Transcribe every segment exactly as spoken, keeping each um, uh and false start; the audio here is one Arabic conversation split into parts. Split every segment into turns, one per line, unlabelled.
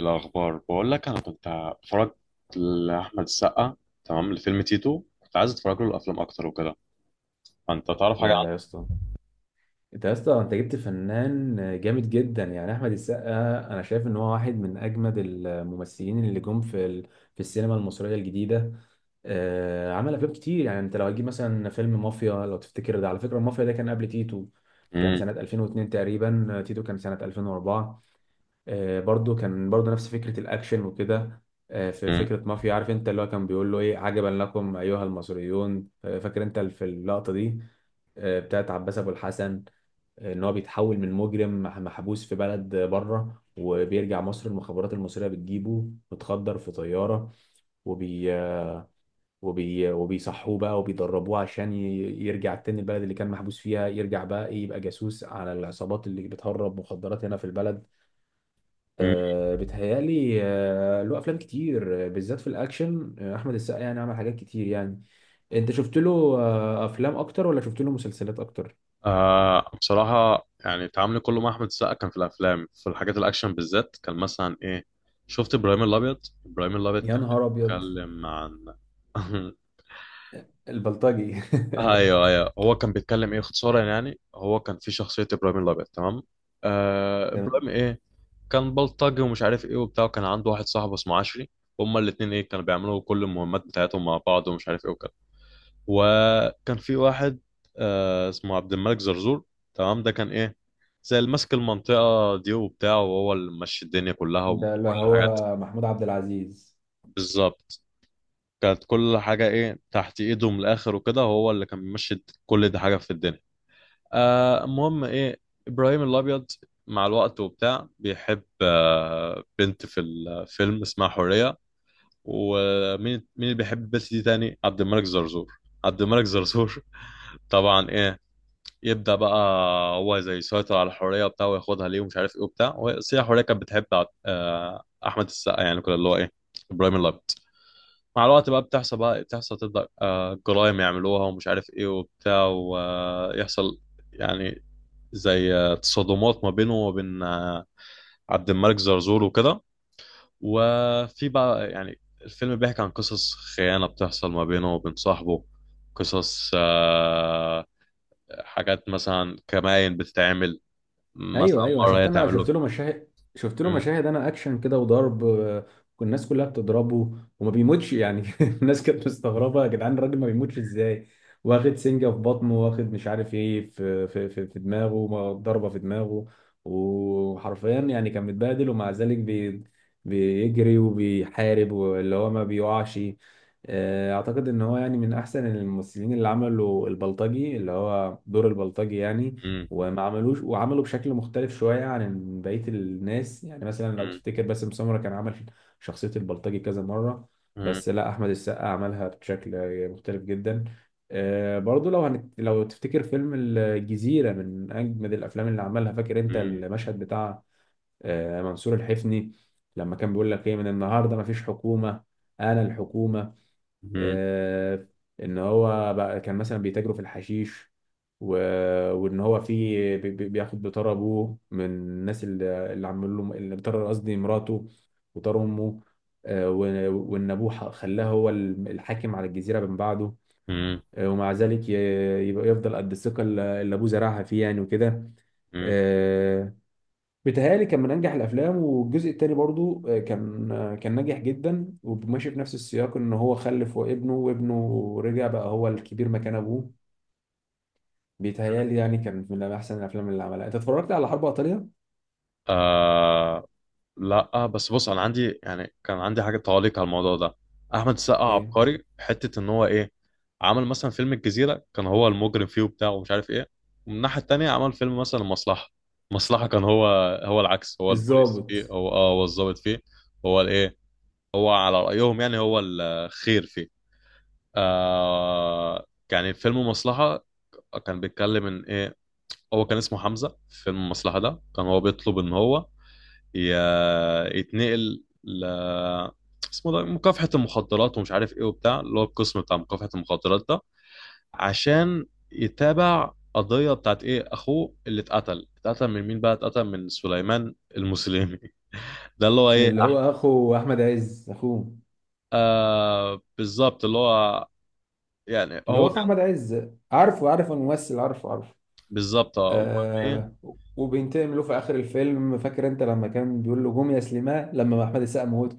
الأخبار بقول لك أنا كنت بتفرج لأحمد السقا، تمام، لفيلم تيتو. كنت عايز أتفرج له الأفلام أكتر وكده. فأنت تعرف
يا
حاجة عنه؟
يا اسطى انت يا اسطى، انت جبت فنان جامد جدا يعني احمد السقا. انا شايف ان هو واحد من اجمد الممثلين اللي جم في ال... في السينما المصريه الجديده. آه، عمل افلام كتير يعني. انت لو هتجيب مثلا فيلم مافيا، لو تفتكر ده، على فكره المافيا ده كان قبل تيتو، كان
مم،
سنه ألفين واتنين تقريبا. تيتو كان سنه ألفين واربعة. آه، برضو كان برضو نفس فكرة الأكشن وكده. آه، في
مم،
فكرة مافيا، عارف أنت اللي هو كان بيقول له إيه؟ عجبا لكم أيها المصريون، آه، فاكر أنت في اللقطة دي؟ آه، بتاعت عباس أبو الحسن، آه، إن هو بيتحول من مجرم مح- محبوس في بلد بره وبيرجع مصر. المخابرات المصرية بتجيبه متخدر في طيارة وبي آه، وبي وبيصحوه بقى وبيدربوه عشان ي- يرجع تاني البلد اللي كان محبوس فيها، يرجع بقى إيه، يبقى جاسوس على العصابات اللي بتهرب مخدرات هنا في البلد.
مم.
آه، بيتهيألي آه، له أفلام كتير، آه، بالذات في الأكشن. آه، أحمد السقا يعني عمل حاجات كتير يعني. أنت شفت له آه، أفلام أكتر ولا شفت له مسلسلات أكتر؟
آه بصراحة يعني تعاملي كله مع أحمد السقا كان في الأفلام، في الحاجات الأكشن بالذات. كان مثلا إيه، شفت إبراهيم الأبيض. إبراهيم الأبيض
يا
كان
نهار ابيض!
بيتكلم عن
البلطجي!
أيوه أيوه، هو كان بيتكلم إيه اختصارا. يعني هو كان في شخصية إبراهيم الأبيض، تمام؟ آه
تمام.
إبراهيم إيه، كان بلطجي ومش عارف ايه وبتاع، وكان عنده واحد صاحبه اسمه عشري. هما الاتنين ايه، كانوا بيعملوا كل المهمات بتاعتهم مع بعض ومش عارف ايه وكده. وكان في واحد آه اسمه عبد الملك زرزور، تمام. ده كان ايه، زي اللي ماسك المنطقة دي وبتاع، وهو اللي ماشي الدنيا كلها
ده اللي
وكل حاجات.
هو محمود عبد العزيز.
بالظبط، كانت كل حاجة ايه تحت ايده من الاخر وكده، هو اللي كان بيمشي كل دي حاجة في الدنيا. آه المهم ايه، ابراهيم الابيض مع الوقت وبتاع بيحب آه بنت في الفيلم اسمها حورية. ومين مين اللي بيحب البنت دي تاني؟ عبد الملك زرزور. عبد الملك زرزور طبعا ايه، يبدأ بقى. هو زي يسيطر على حورية وبتاع وياخدها ليه ومش عارف ايه وبتاع، وهي حورية كانت بتحب عب- آه احمد السقا، يعني كده اللي هو ايه، ابراهيم الابيض. مع الوقت بقى بتحصل بقى بتحصل، تبدأ آه جرايم يعملوها ومش عارف ايه وبتاع، ويحصل يعني زي آه، تصادمات ما بينه وبين آه، عبد الملك زرزور وكده. وفي بقى يعني الفيلم بيحكي عن قصص خيانة بتحصل ما بينه وبين صاحبه، قصص آه، حاجات مثلا كمائن بتتعمل، مثلا
ايوه ايوه،
مرة
شفت،
هي
انا
تعمل
شفت
له.
له مشاهد، شفت له
مم،
مشاهد انا اكشن كده وضرب، آه، والناس كلها بتضربه وما بيموتش يعني. الناس كانت مستغربه، يا جدعان الراجل ما بيموتش ازاي؟ واخد سنجه في بطنه، واخد مش عارف ايه في في في, في دماغه، م- ضربه في دماغه، وحرفيا يعني كان متبهدل، ومع ذلك بي بيجري وبيحارب، واللي هو ما بيقعش. آه، اعتقد ان هو يعني من احسن الممثلين اللي عملوا البلطجي، اللي هو دور البلطجي يعني،
مم،
وما عملوش، وعملوا بشكل مختلف شوية عن بقية الناس. يعني مثلا لو
مم،
تفتكر باسم سمرة، كان عمل شخصية البلطجي كذا مرة،
مم،
بس لا، أحمد السقا عملها بشكل مختلف جدا. آه، برضو لو هنت... لو تفتكر فيلم الجزيرة، من أجمد الأفلام اللي عملها. فاكر أنت
مم،
المشهد بتاع آه، منصور الحفني لما كان بيقول لك إيه؟ من النهاردة مفيش حكومة، أنا الحكومة.
مم،
آه، ان هو بقى كان مثلا بيتاجروا في الحشيش، و... وان هو في بي- بي- بياخد بطار ابوه من الناس اللي اللي عملوا له، اللي بطار قصدي مراته وطار امه، آه، و- وان ابوه ح- خلاه هو الم- الحاكم على الجزيره من بعده،
مم،
آه، ومع ذلك ي- يبقى يفضل قد الثقه اللي اللي ابوه زرعها فيه يعني وكده.
مم.
آه، بيتهيألي كان من أنجح الأفلام، والجزء التاني برضو آه، كان آه، كان ناجح جدا وماشي في نفس السياق، إن هو خلف وابنه، وابنه رجع بقى هو الكبير مكان أبوه. بيتهيألي يعني كان من أحسن الأفلام اللي عملها. أنت اتفرجت على حرب إيطاليا؟
آه، لا بس بص انا عندي، يعني كان عندي حاجه تعليق على الموضوع ده. احمد السقا
إيه؟
عبقري في حته ان هو ايه، عمل مثلا فيلم الجزيره، كان هو المجرم فيه وبتاع ومش عارف ايه. ومن الناحيه التانيه عمل فيلم مثلا المصلحه. المصلحه كان هو، هو العكس، هو البوليس
الضابط.
فيه، هو اه هو الضابط فيه. هو الايه، هو على رايهم يعني، هو الخير فيه. آه، يعني فيلم المصلحه كان بيتكلم ان ايه، هو كان اسمه حمزه. في فيلم المصلحه ده كان هو بيطلب ان هو ي- يتنقل ل، اسمه ده مكافحة المخدرات ومش عارف ايه وبتاع، اللي هو القسم بتاع مكافحة المخدرات ده، عشان يتابع قضية بتاعت ايه اخوه اللي اتقتل. اتقتل من مين بقى؟ اتقتل من سليمان المسلمي ده اللي هو ايه،
اللي هو
احمد.
أخو أحمد عز، أخوه.
آه بالظبط، اللي هو يعني
اللي هو
هو
أخو
كان.
أحمد عز، عارفه، عارف الممثل، عارفه عارفه.
بالظبط اه. أمال ايه؟
آه. وبينتقم له في آخر الفيلم. فاكر أنت لما كان بيقول له قوم يا سليمان لما أحمد السقا موته؟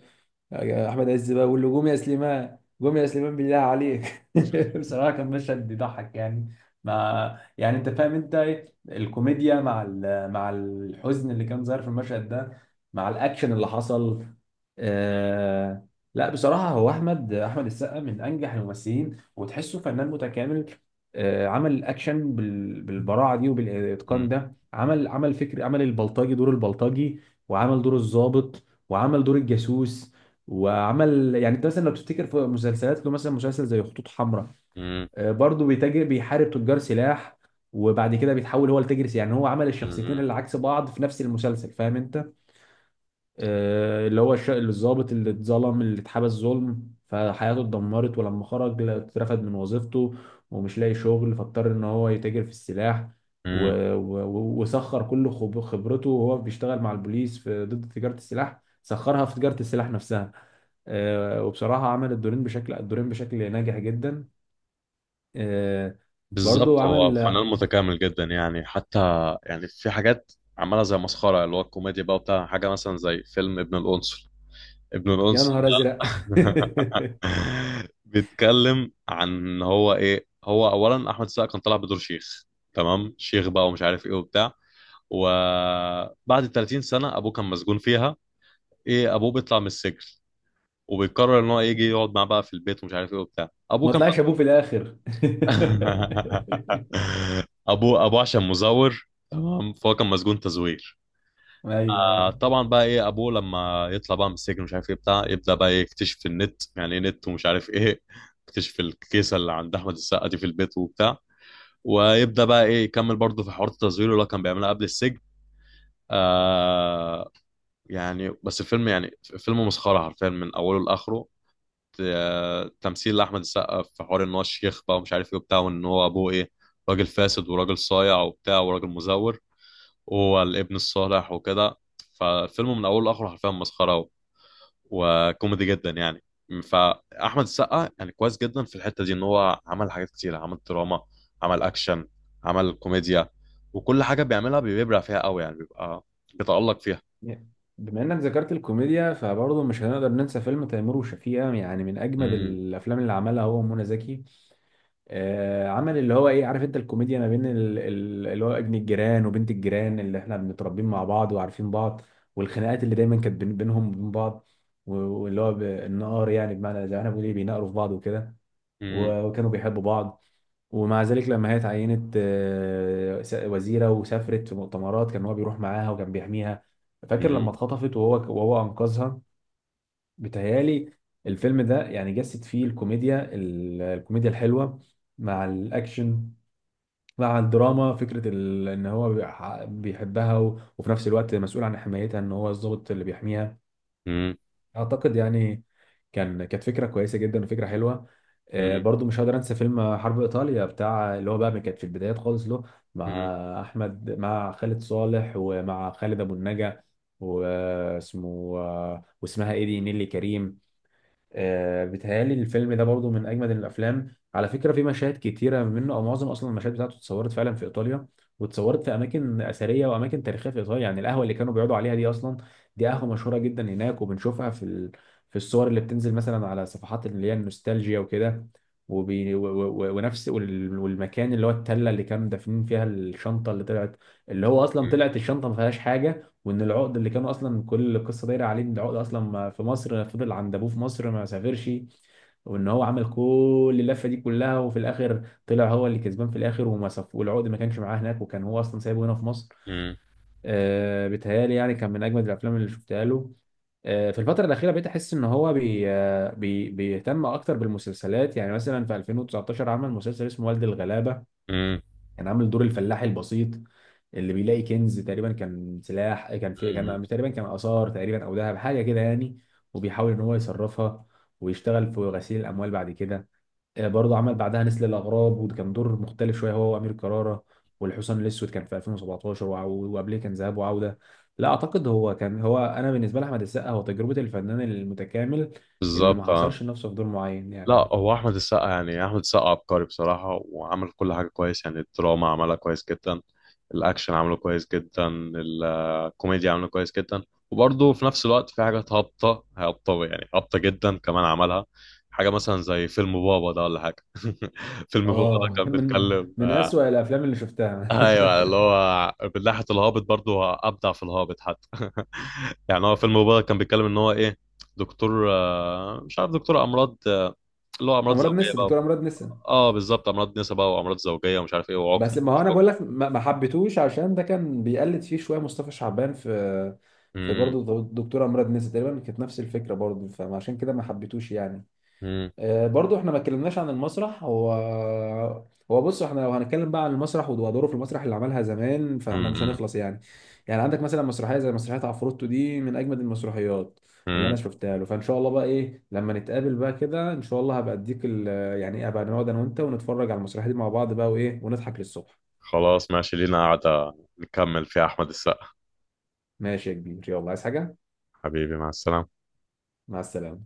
احمد عز بقى بيقول له قوم يا سليمان، قوم يا سليمان بالله عليك. بصراحه كان مشهد بيضحك يعني، مع يعني انت فاهم انت إيه؟ الكوميديا مع ال... مع الحزن اللي كان ظاهر في المشهد ده، مع الاكشن اللي حصل. آه... لا بصراحه هو احمد احمد السقا من انجح الممثلين، وتحسه فنان متكامل. آه... عمل الاكشن بال... بالبراعه دي
م-
وبالاتقان
م-
ده، عمل عمل فكر عمل البلطجي، دور البلطجي، وعمل دور الضابط، وعمل دور الجاسوس، وعمل يعني. انت مثلا لو تفتكر في مسلسلات له، مثلا مسلسل زي خطوط حمراء،
م-
آه، برضه بيتاجر، بيحارب تجار سلاح، وبعد كده بيتحول هو لتاجر سلاح. يعني هو عمل الشخصيتين
م-
اللي عكس بعض في نفس المسلسل، فاهم انت؟ آه، اللي هو الش- الضابط اللي اتظلم، اللي اتحبس ظلم فحياته اتدمرت، ولما خرج لا- اترفد من وظيفته ومش لاقي شغل، فاضطر ان هو يتاجر في السلاح، و...
م-
و... و- وسخر كل خب- خبرته وهو بيشتغل مع البوليس في ضد تجارة السلاح، سخرها في تجارة السلاح نفسها. آه، وبصراحة عمل الدورين بشكل الدورين بشكل ناجح جدا. آه، برضو
بالظبط، هو
عمل.
فنان متكامل جدا يعني. حتى يعني في حاجات عملها زي مسخرة، اللي هو الكوميديا بقى بتاع، حاجة مثلا زي فيلم ابن القنصل. ابن
يا
القنصل
نهار
ده
ازرق!
بيتكلم عن إن هو ايه، هو اولا احمد السقا كان طالع بدور شيخ، تمام، شيخ بقى ومش عارف ايه وبتاع. وبعد ثلاثين سنة ابوه كان مسجون فيها، ايه ابوه بيطلع من السجن، وبيقرر ان هو يجي يقعد معاه بقى في البيت ومش عارف ايه وبتاع. ابوه
ما
كان
طلعش ابوه في
مسجون
الاخر؟
ابوه ابوه عشان مزور، تمام، فهو كان مسجون تزوير. آه،
ايوه.
طبعا بقى ايه، ابوه لما يطلع بقى من السجن مش عارف ايه بتاع، يبدا بقى إيه يكتشف النت، يعني ايه نت ومش عارف ايه، يكتشف الكيسه اللي عند احمد السقا دي في البيت وبتاع، ويبدا بقى ايه يكمل برضه في حوار التزوير اللي هو كان بيعملها قبل السجن. آه، يعني بس الفيلم يعني، فيلم مسخره حرفيا من اوله لاخره. آه، تمثيل لاحمد السقا في حوار ان هو الشيخ بقى ومش عارف ايه وبتاع، وان هو ابوه ايه، راجل فاسد وراجل صايع وبتاع وراجل مزور، وهو الابن الصالح وكده. فالفيلم من اوله لاخره حرفيا مسخره، وكوميدي جدا يعني. فاحمد السقا يعني كويس جدا في الحته دي، ان هو عمل حاجات كتير، عمل دراما، عمل اكشن، عمل كوميديا. وكل حاجه بيعملها بيبرع فيها قوي، يعني بيبقى بيتالق فيها.
بما انك ذكرت الكوميديا فبرضه مش هنقدر ننسى فيلم تيمور وشفيقة، يعني من اجمد
امم،
الافلام اللي عملها هو ومنى زكي. آه، عمل اللي هو ايه، عارف انت الكوميديا ما بين ال- ال- اللي هو ابن الجيران وبنت الجيران اللي احنا بنتربين مع بعض وعارفين بعض، والخناقات اللي دايما كانت بين- بينهم وبين بعض، و- واللي هو ب- النقار، يعني بمعنى زي ما احنا بنقول ايه، بينقروا في بعض وكده،
امم،
و- وكانوا بيحبوا بعض، ومع ذلك لما هي اتعينت آه، س- وزيرة وسافرت في مؤتمرات، كان هو بيروح معاها وكان بيحميها. فاكر
امم،
لما اتخطفت وهو وهو أنقذها؟ بتهيالي الفيلم ده يعني جسد فيه الكوميديا ال- الكوميديا الحلوة مع الأكشن، مع الدراما. فكرة ال- إن هو بيح- بيحبها، و- وفي نفس الوقت مسؤول عن حمايتها، إن هو الضابط اللي بيحميها. اعتقد يعني كان، كانت فكره كويسه جدا وفكره حلوه. آه،
امم،
برضو مش هقدر انسى فيلم حرب ايطاليا بتاع، اللي هو بقى كانت في البدايات خالص له،
امم،
مع احمد، مع خالد صالح، ومع خالد ابو النجا، واسمه آه، واسمها ايه دي، نيلي كريم. آه، بيتهيألي الفيلم ده برضو من أجمد الأفلام. على فكرة في مشاهد كتيرة منه، أو معظم أصلا المشاهد بتاعته اتصورت فعلا في إيطاليا، واتصورت في أماكن أثرية وأماكن تاريخية في إيطاليا. يعني القهوة اللي كانوا بيقعدوا عليها دي أصلا، دي قهوة مشهورة جدا هناك، وبنشوفها في ال... في الصور اللي بتنزل مثلا على صفحات اللي هي النوستالجيا وكده. وبي... و... و... و- ونفس وال- والمكان اللي هو التلة اللي كانوا دافنين فيها الشنطة اللي طلعت، اللي هو أصلا طلعت الشنطة ما فيهاش حاجة. وان العقد اللي كان اصلا كل القصه دايره عليه، ان العقد اصلا ما- في مصر، فضل عند ابوه في مصر ما سافرش، وان هو عمل كل اللفه دي كلها، وفي الاخر طلع هو اللي كسبان في الاخر، وما سف... والعقد ما كانش معاه هناك، وكان هو اصلا سايبه هنا في مصر.
امم،
آه بيتهيألي يعني كان من اجمد الافلام اللي شفتها له. آه، في الفترة الأخيرة بقيت أحس إن هو بي آه، بي بيهتم أكتر بالمسلسلات. يعني مثلا في ألفين وتسعتاشر عمل مسلسل اسمه والد الغلابة، كان عامل دور الفلاح البسيط اللي بيلاقي كنز تقريبا، كان سلاح، آه، كان في
امم،
كان تقريبا كان آثار تقريبا، أو ذهب حاجة كده يعني، وبيحاول إن هو يصرفها ويشتغل في غسيل الأموال بعد كده. آه، برضه عمل بعدها نسل الأغراب، وكان دور مختلف شوية هو وأمير كرارة. والحصان الأسود كان في ألفين وسبعتاشر، وع- وقبليه كان ذهاب وعودة. لا أعتقد هو كان هو أنا بالنسبة لأحمد السقا هو تجربة الفنان المتكامل اللي
بالظبط
ما
اه.
حصرش نفسه في دور معين
لا،
يعني.
هو احمد السقا يعني، احمد السقا عبقري بصراحه، وعمل كل حاجه كويس يعني. الدراما عملها كويس جدا، الاكشن عمله كويس جدا، ال- الكوميديا عمله كويس جدا. وبرضه في نفس الوقت في حاجات هابطه، هابطه يعني، هابطه جدا كمان عملها. حاجه مثلا زي فيلم بابا ده ولا حاجه فيلم بابا ده
اه
كان
من
بيتكلم
من
آه،
أسوأ الأفلام اللي شفتها.
ايوه اللي هو من ناحيه الهابط برضه، هو ابدع في الهابط حتى يعني هو فيلم بابا كان بيتكلم ان هو ايه، دكتور آه، مش عارف، دكتور امراض، اللي هو امراض
أمراض
زوجيه
نسا،
بقى.
دكتور أمراض نسا.
اه بالظبط، امراض نسا بقى، وامراض زوجيه ومش عارف ايه، وعقم
بس ما
ومش
هو انا
عقم.
بقول لك ما ما حبيتهوش عشان ده كان بيقلد فيه شويه مصطفى شعبان في، في
امم،
برضه دكتوره مراد نسا تقريبا، كانت نفس الفكره برضه، فعشان كده ما حبيتهوش يعني.
امم،
آه، برضه احنا ما اتكلمناش عن المسرح. هو هو بص احنا لو هنتكلم بقى عن المسرح ودوره في المسرح اللي عملها زمان، فاحنا مش
امم،
هنخلص يعني. يعني عندك مثلا مسرحيه زي مسرحيه عفروتو، دي من اجمد المسرحيات اللي انا
أمم.
شفتها له. فان شاء الله بقى ايه لما نتقابل بقى كده ان شاء الله، هبقى اديك ال- يعني ايه، هبقى نقعد انا وانت ونتفرج على المسرحيه دي مع بعض بقى، وايه ونضحك للصبح.
خلاص ماشي، لينا قاعده نكمل فيها احمد السقا.
ماشي يا كبير، يلا عايز حاجة؟
حبيبي مع السلامه.
مع السلامة.